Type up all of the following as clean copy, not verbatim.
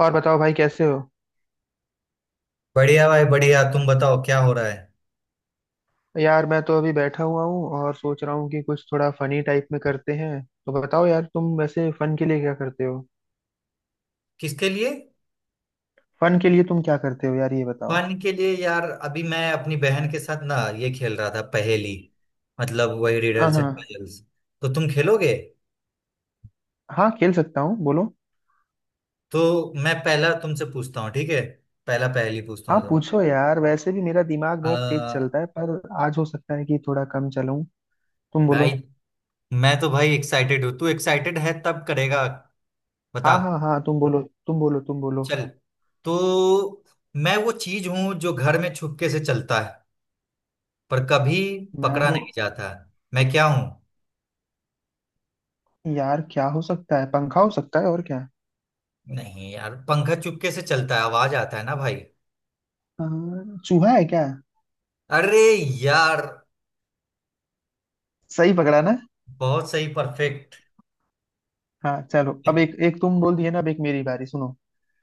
और बताओ भाई, कैसे हो। बढ़िया भाई बढ़िया। तुम बताओ क्या हो रहा है। यार, मैं तो अभी बैठा हुआ हूँ और सोच रहा हूँ कि कुछ थोड़ा फनी टाइप में करते हैं। तो बताओ यार, तुम वैसे फन के लिए क्या करते हो। किसके लिए। फन के लिए तुम क्या करते हो यार, ये बताओ। पानी के लिए यार। अभी मैं अपनी बहन के साथ ना ये खेल रहा था, पहेली। मतलब वही हाँ रिडल्स एंड हाँ। पजल्स। तो तुम खेलोगे। हाँ, खेल सकता हूँ, बोलो। तो मैं पहला तुमसे पूछता हूँ, ठीक है। पहला पहेली पूछता हाँ, हूँ तुम। पूछो यार। वैसे भी मेरा दिमाग बहुत तेज आ, चलता है, पर आज हो सकता है कि थोड़ा कम चलाऊं। तुम बोलो। भाई। मैं तो भाई एक्साइटेड हूँ। तू एक्साइटेड है तब करेगा। बता। हाँ हाँ हाँ, तुम बोलो, तुम बोलो, तुम बोलो। चल। तो मैं वो चीज हूँ जो घर में छुपके से चलता है, पर कभी मैं पकड़ा वो नहीं जाता। मैं क्या हूँ। यार, क्या हो सकता है। पंखा हो सकता है, और क्या। नहीं यार, पंखा चुपके से चलता है, आवाज आता है ना भाई। हाँ, चूहा है क्या। अरे यार। सही पकड़ा ना। बहुत सही, परफेक्ट। हाँ, चलो। अब एक एक तुम बोल दिए ना, अब एक मेरी बारी, सुनो।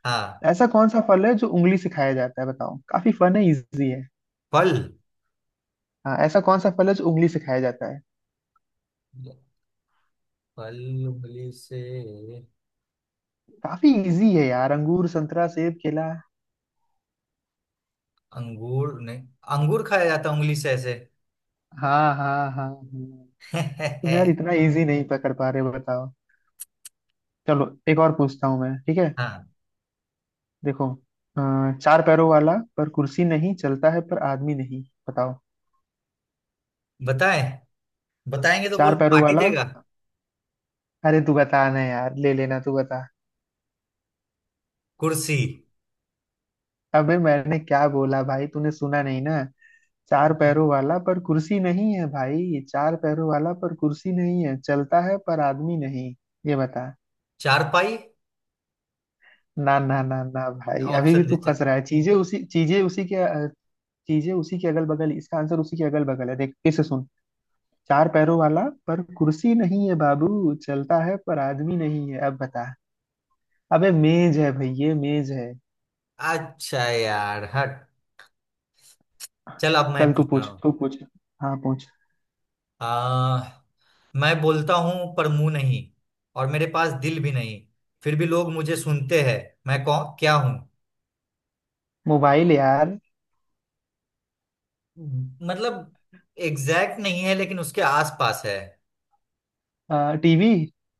हाँ। ऐसा कौन सा फल है जो उंगली से खाया जाता है, बताओ। काफी फन है, इजी है। फल। हाँ, ऐसा कौन सा फल है जो उंगली से खाया जाता है। फल उंगली से। काफी इजी है यार। अंगूर, संतरा, सेब, केला। अंगूर नहीं। अंगूर खाया जाता है उंगली से ऐसे। हाँ हाँ हाँ हाँ। तुम यार इतना इजी नहीं पकड़ पा रहे हो, बताओ। चलो, एक और पूछता हूँ मैं, ठीक है। हाँ। देखो। चार पैरों वाला, पर कुर्सी नहीं। चलता है, पर आदमी नहीं। बताओ। बताएं। बताएंगे तो बोल, चार पैरों पार्टी वाला। देगा। अरे तू बताना यार, ले लेना, तू बता। कुर्सी। अबे, मैंने क्या बोला भाई, तूने सुना नहीं ना। चार पैरों वाला पर कुर्सी नहीं है भाई। चार पैरों वाला पर कुर्सी नहीं है, चलता है पर आदमी नहीं। ये बता। चारपाई। ना ना ना ना भाई, अभी भी ऑप्शन दे तू चल। फंस रहा है। चीजें उसी के अगल बगल, इसका आंसर उसी के अगल बगल है। देख, फिर से सुन। चार पैरों वाला, पर कुर्सी नहीं है बाबू। चलता है, पर आदमी नहीं है। अब बता। अबे मेज है भाई, ये मेज है। अच्छा यार, हट। चल अब मैं चल, तू पूछ पूछ रहा तू पूछ। हाँ, पूछ। हूँ। मैं बोलता हूँ पर मुंह नहीं, और मेरे पास दिल भी नहीं। फिर भी लोग मुझे सुनते हैं। मैं कौन क्या हूँ। मोबाइल यार। मतलब एग्जैक्ट नहीं है, लेकिन उसके आसपास है। टीवी।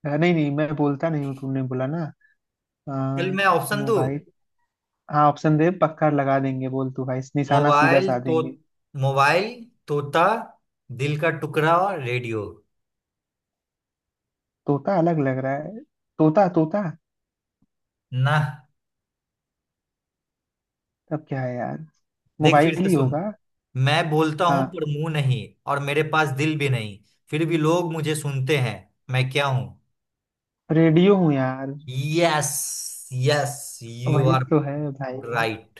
नहीं नहीं, मैं बोलता नहीं हूँ, तुमने बोला ना। चल मैं हाँ, ऑप्शन दूँ। मोबाइल। हाँ, ऑप्शन दे, पक्का लगा देंगे। बोल तू भाई, निशाना सीधा मोबाइल साध तो, देंगे। मोबाइल, तोता, दिल का टुकड़ा और रेडियो। तोता अलग लग रहा है। तोता तोता। ना। तब क्या है यार। देख फिर मोबाइल से ही सुन। होगा। मैं बोलता हूँ हाँ। पर मुंह नहीं, और मेरे पास दिल भी नहीं। फिर भी लोग मुझे सुनते हैं। मैं क्या हूँ। रेडियो हूँ यार। यस यस यू वही आर तो है भाई। राइट।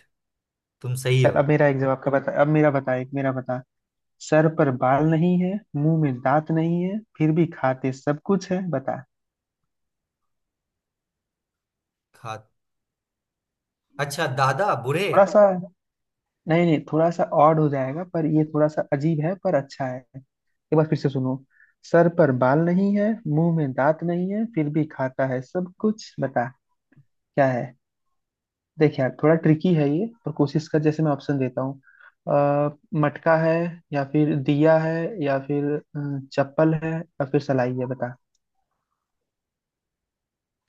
तुम सही चल, हो। अब मेरा एक जवाब का बता। अब मेरा बता, एक मेरा बता। सर पर बाल नहीं है, मुंह में दांत नहीं है, फिर भी खाते सब कुछ है, बता। खा। अच्छा दादा, बुरे। थोड़ा सा। नहीं नहीं, थोड़ा सा ऑड हो जाएगा, पर ये थोड़ा सा अजीब है पर अच्छा है। एक बार फिर से सुनो। सर पर बाल नहीं है, मुंह में दांत नहीं है, फिर भी खाता है सब कुछ, बता। क्या है। देख यार, थोड़ा ट्रिकी है ये, पर कोशिश कर। जैसे मैं ऑप्शन देता हूँ। अ, मटका है। या फिर दिया है। या फिर चप्पल है। या फिर सलाई है, बता।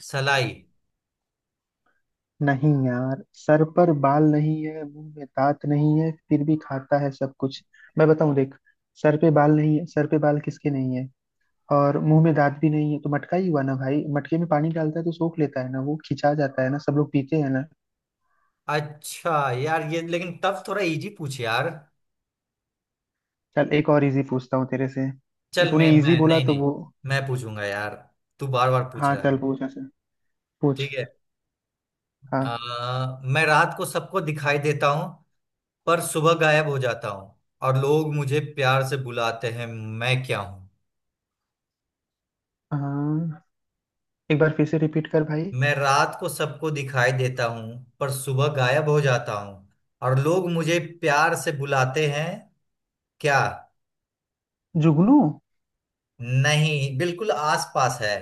सलाई। नहीं यार, सर पर बाल नहीं है, मुंह में दांत नहीं है, फिर भी खाता है सब कुछ। मैं बताऊं, देख। सर पे बाल नहीं है। सर पे बाल किसके नहीं है, और मुंह में दांत भी नहीं है। तो मटका ही हुआ ना भाई। मटके में पानी डालता है तो सोख लेता है ना, वो खिंचा जाता है ना, सब लोग पीते हैं ना। अच्छा यार, ये लेकिन टफ। थोड़ा इजी पूछ यार। चल, एक और इजी पूछता हूँ तेरे से, ये चल मैं तूने इजी मैं बोला नहीं तो नहीं, वो। मैं पूछूंगा यार। तू बार बार पूछ हाँ रहा चल, है। पूछ ऐसे, पूछ। ठीक है। आ, हाँ। मैं रात को सबको दिखाई देता हूँ, पर सुबह गायब हो जाता हूँ। और लोग मुझे प्यार से बुलाते हैं। मैं क्या हूँ। हाँ। एक बार फिर से रिपीट कर भाई। मैं रात को सबको दिखाई देता हूँ, पर सुबह गायब हो जाता हूँ। और लोग मुझे प्यार से बुलाते हैं। क्या। जुगनू। नहीं, बिल्कुल आसपास है।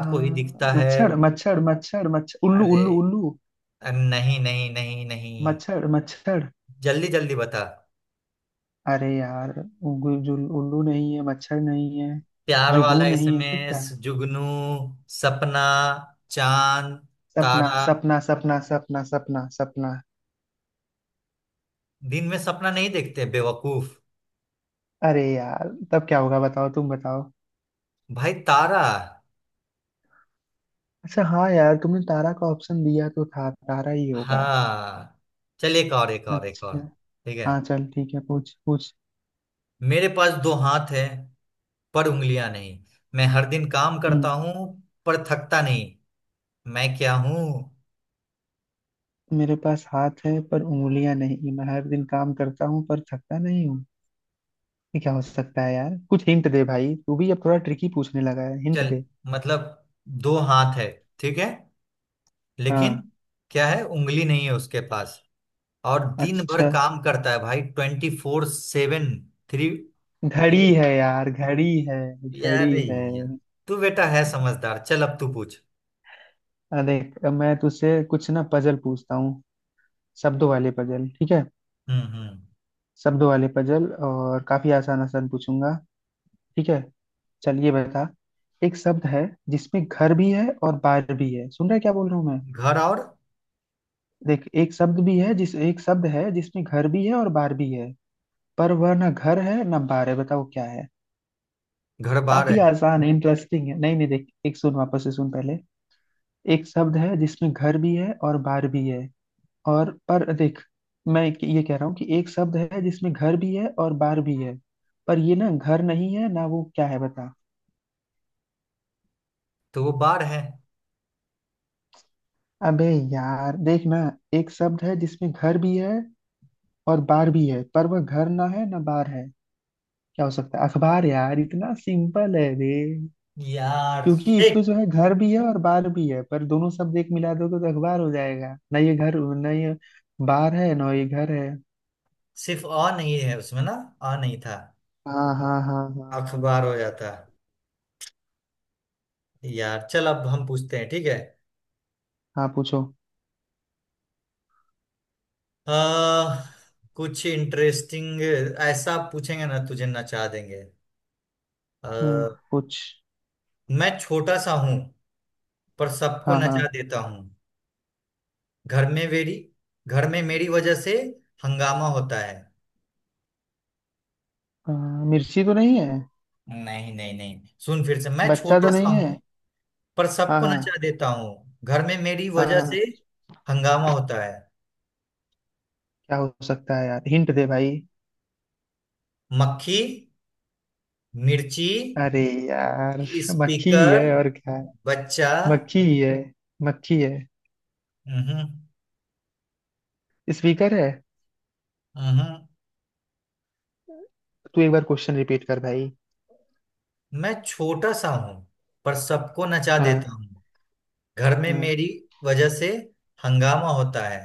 आ, को ही दिखता है। मच्छर मच्छर मच्छर मच्छर, उल्लू अरे, उल्लू उल्लू। अरे नहीं नहीं नहीं नहीं। मच्छर मच्छर। जल्दी जल्दी बता। अरे यार, उल्लू नहीं है, मच्छर नहीं है। प्यार जुगनू वाला नहीं है तो इसमें क्या है? जुगनू, सपना, चांद, सपना तारा। सपना सपना सपना सपना सपना। दिन में सपना नहीं देखते बेवकूफ। अरे यार, तब क्या होगा, बताओ, तुम बताओ। भाई तारा। अच्छा हाँ यार, तुमने तारा का ऑप्शन दिया तो था, तारा ही होगा। हाँ। चल, एक और एक और एक अच्छा। और। ठीक है। हाँ चल, ठीक है, पूछ पूछ। मेरे पास दो हाथ है, पर उंगलियां नहीं। मैं हर दिन काम हम्म। करता हूँ पर थकता नहीं। मैं क्या हूँ। मेरे पास हाथ है पर उंगलियां नहीं, मैं हर दिन काम करता हूँ पर थकता नहीं हूँ। ये क्या हो सकता है यार, कुछ हिंट दे भाई। तू भी अब थोड़ा ट्रिकी पूछने लगा है, हिंट चल दे। मतलब दो हाथ है, ठीक है। लेकिन हाँ। क्या है, उंगली नहीं है उसके पास। और दिन भर अच्छा। काम करता है भाई, 24/7 थ्री। ठीक घड़ी है। है यार, घड़ी है। यार घड़ी है। यार, तू बेटा है समझदार। चल अब तू पूछ। अरे, मैं तुझसे कुछ ना पजल पूछता हूँ। शब्दों वाले पजल, ठीक है। हम्म। शब्द वाले पजल, और काफी आसान आसान पूछूंगा। ठीक है। चल, ये बता। एक शब्द है जिसमें घर भी है और बार भी है। सुन रहा है क्या बोल रहा हूँ मैं। घर और देख, एक शब्द भी है, जिस एक शब्द है जिसमें घर भी है और बार भी है। पर वह ना घर है ना बार है। बताओ क्या है। घर बार है, काफी आसान है, इंटरेस्टिंग है। नहीं नहीं, देख, एक सुन, वापस से सुन पहले। एक शब्द है जिसमें घर भी है और बार भी है, और पर देख। ये कह रहा हूँ कि एक शब्द है जिसमें घर भी है और बार भी है, पर ये ना घर नहीं है ना वो। क्या है, बता। तो वो बार है। अबे, यार देख ना। एक शब्द है जिसमें घर भी है, और बार भी है, पर वह घर ना है ना बार है। क्या हो सकता है? अखबार यार, इतना सिंपल है रे। यार क्योंकि शिट। इसमें जो है, घर भी है और बार भी है, पर दोनों शब्द एक मिला दोगे तो अखबार हो जाएगा ना। ये घर, ना ये बार है ना ये घर है। सिर्फ अ नहीं है उसमें ना। अ नहीं था। हाँ हाँ हाँ हाँ हाँ। अखबार हो जाता। यार चल अब हम पूछते हैं, ठीक है। हाँ पूछो। आ, कुछ इंटरेस्टिंग ऐसा पूछेंगे ना तुझे नचा देंगे। हम्म। आ, पूछ। मैं छोटा सा हूं, पर सबको हाँ हाँ। नचा देता हूँ। घर में मेरी घर में मेरी वजह से हंगामा होता है। हाँ, मिर्ची तो नहीं है। नहीं नहीं नहीं, सुन फिर से। मैं बच्चा छोटा तो सा नहीं हूं, है। पर हाँ सबको हाँ। नचा देता हूँ घर में मेरी हाँ वजह से। हाँ। हंगामा होता है। क्या हो सकता है यार, हिंट दे भाई। मक्खी, मिर्ची, अरे यार। मक्खी ही स्पीकर, है, और क्या है। बच्चा। मक्खी ही है। मक्खी है। हम्म। स्पीकर है। तू एक बार क्वेश्चन रिपीट कर भाई। मैं छोटा सा हूं, पर सबको नचा देता हाँ। हूँ। घर में हाँ। मेरी वजह से हंगामा होता है।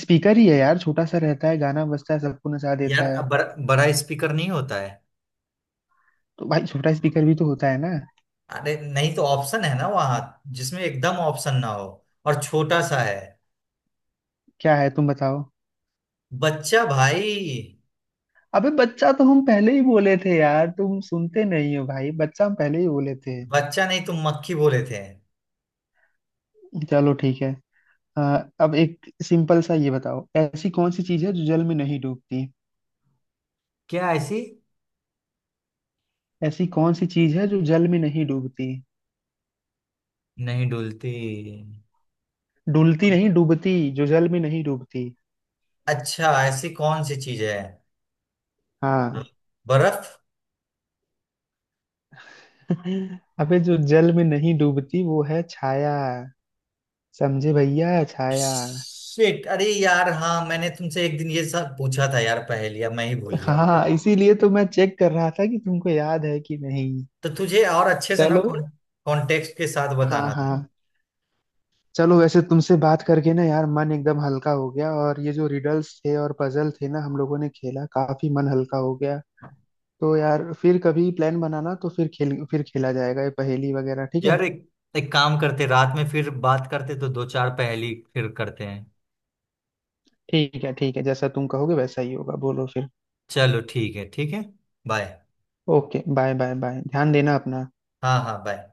स्पीकर ही है यार, छोटा सा रहता है, गाना बजता है, सबको नचा यार देता अब है। बड़ा स्पीकर नहीं होता है। तो भाई छोटा स्पीकर भी तो होता है ना। अरे नहीं तो ऑप्शन है ना वहां। जिसमें एकदम ऑप्शन ना हो, और छोटा सा है। क्या है, तुम बताओ। बच्चा भाई। अबे, बच्चा तो हम पहले ही बोले थे यार, तुम सुनते नहीं हो भाई, बच्चा हम पहले ही बोले थे। बच्चा नहीं, तुम मक्खी बोले थे। चलो ठीक है। हाँ, अब एक सिंपल सा ये बताओ, ऐसी कौन सी चीज है जो जल में नहीं डूबती। क्या ऐसी। ऐसी कौन सी चीज है जो जल में नहीं डूबती। नहीं डुलती। डुलती नहीं, डूबती, जो जल में नहीं डूबती। अच्छा ऐसी कौन सी चीज है। हाँ। बर्फ। अबे, जो जल में नहीं डूबती वो है छाया। समझे भैया, छाया। शिट अरे यार। हाँ मैंने तुमसे एक दिन ये सब पूछा था यार, पहेलिया मैं ही भूल गया हाँ, बताओ। इसीलिए तो मैं चेक कर रहा था कि तुमको याद है कि नहीं। तो तुझे और अच्छे से ना चलो। कॉन्टेक्स्ट के साथ हाँ बताना था। हाँ। चलो, वैसे तुमसे बात करके ना यार, मन एकदम हल्का हो गया। और ये जो रिडल्स थे और पजल थे ना, हम लोगों ने खेला, काफी मन हल्का हो गया। तो यार, फिर कभी प्लान बनाना, तो फिर खेल, फिर खेला जाएगा ये पहेली वगैरह, ठीक है। यार एक, एक काम करते, रात में फिर बात करते तो दो चार पहेली फिर करते हैं। ठीक है ठीक है, जैसा तुम कहोगे वैसा ही होगा, बोलो फिर। चलो ठीक है, ठीक है। Bye. Okay, bye bye bye, ध्यान देना अपना। हाँ हाँ, बाय।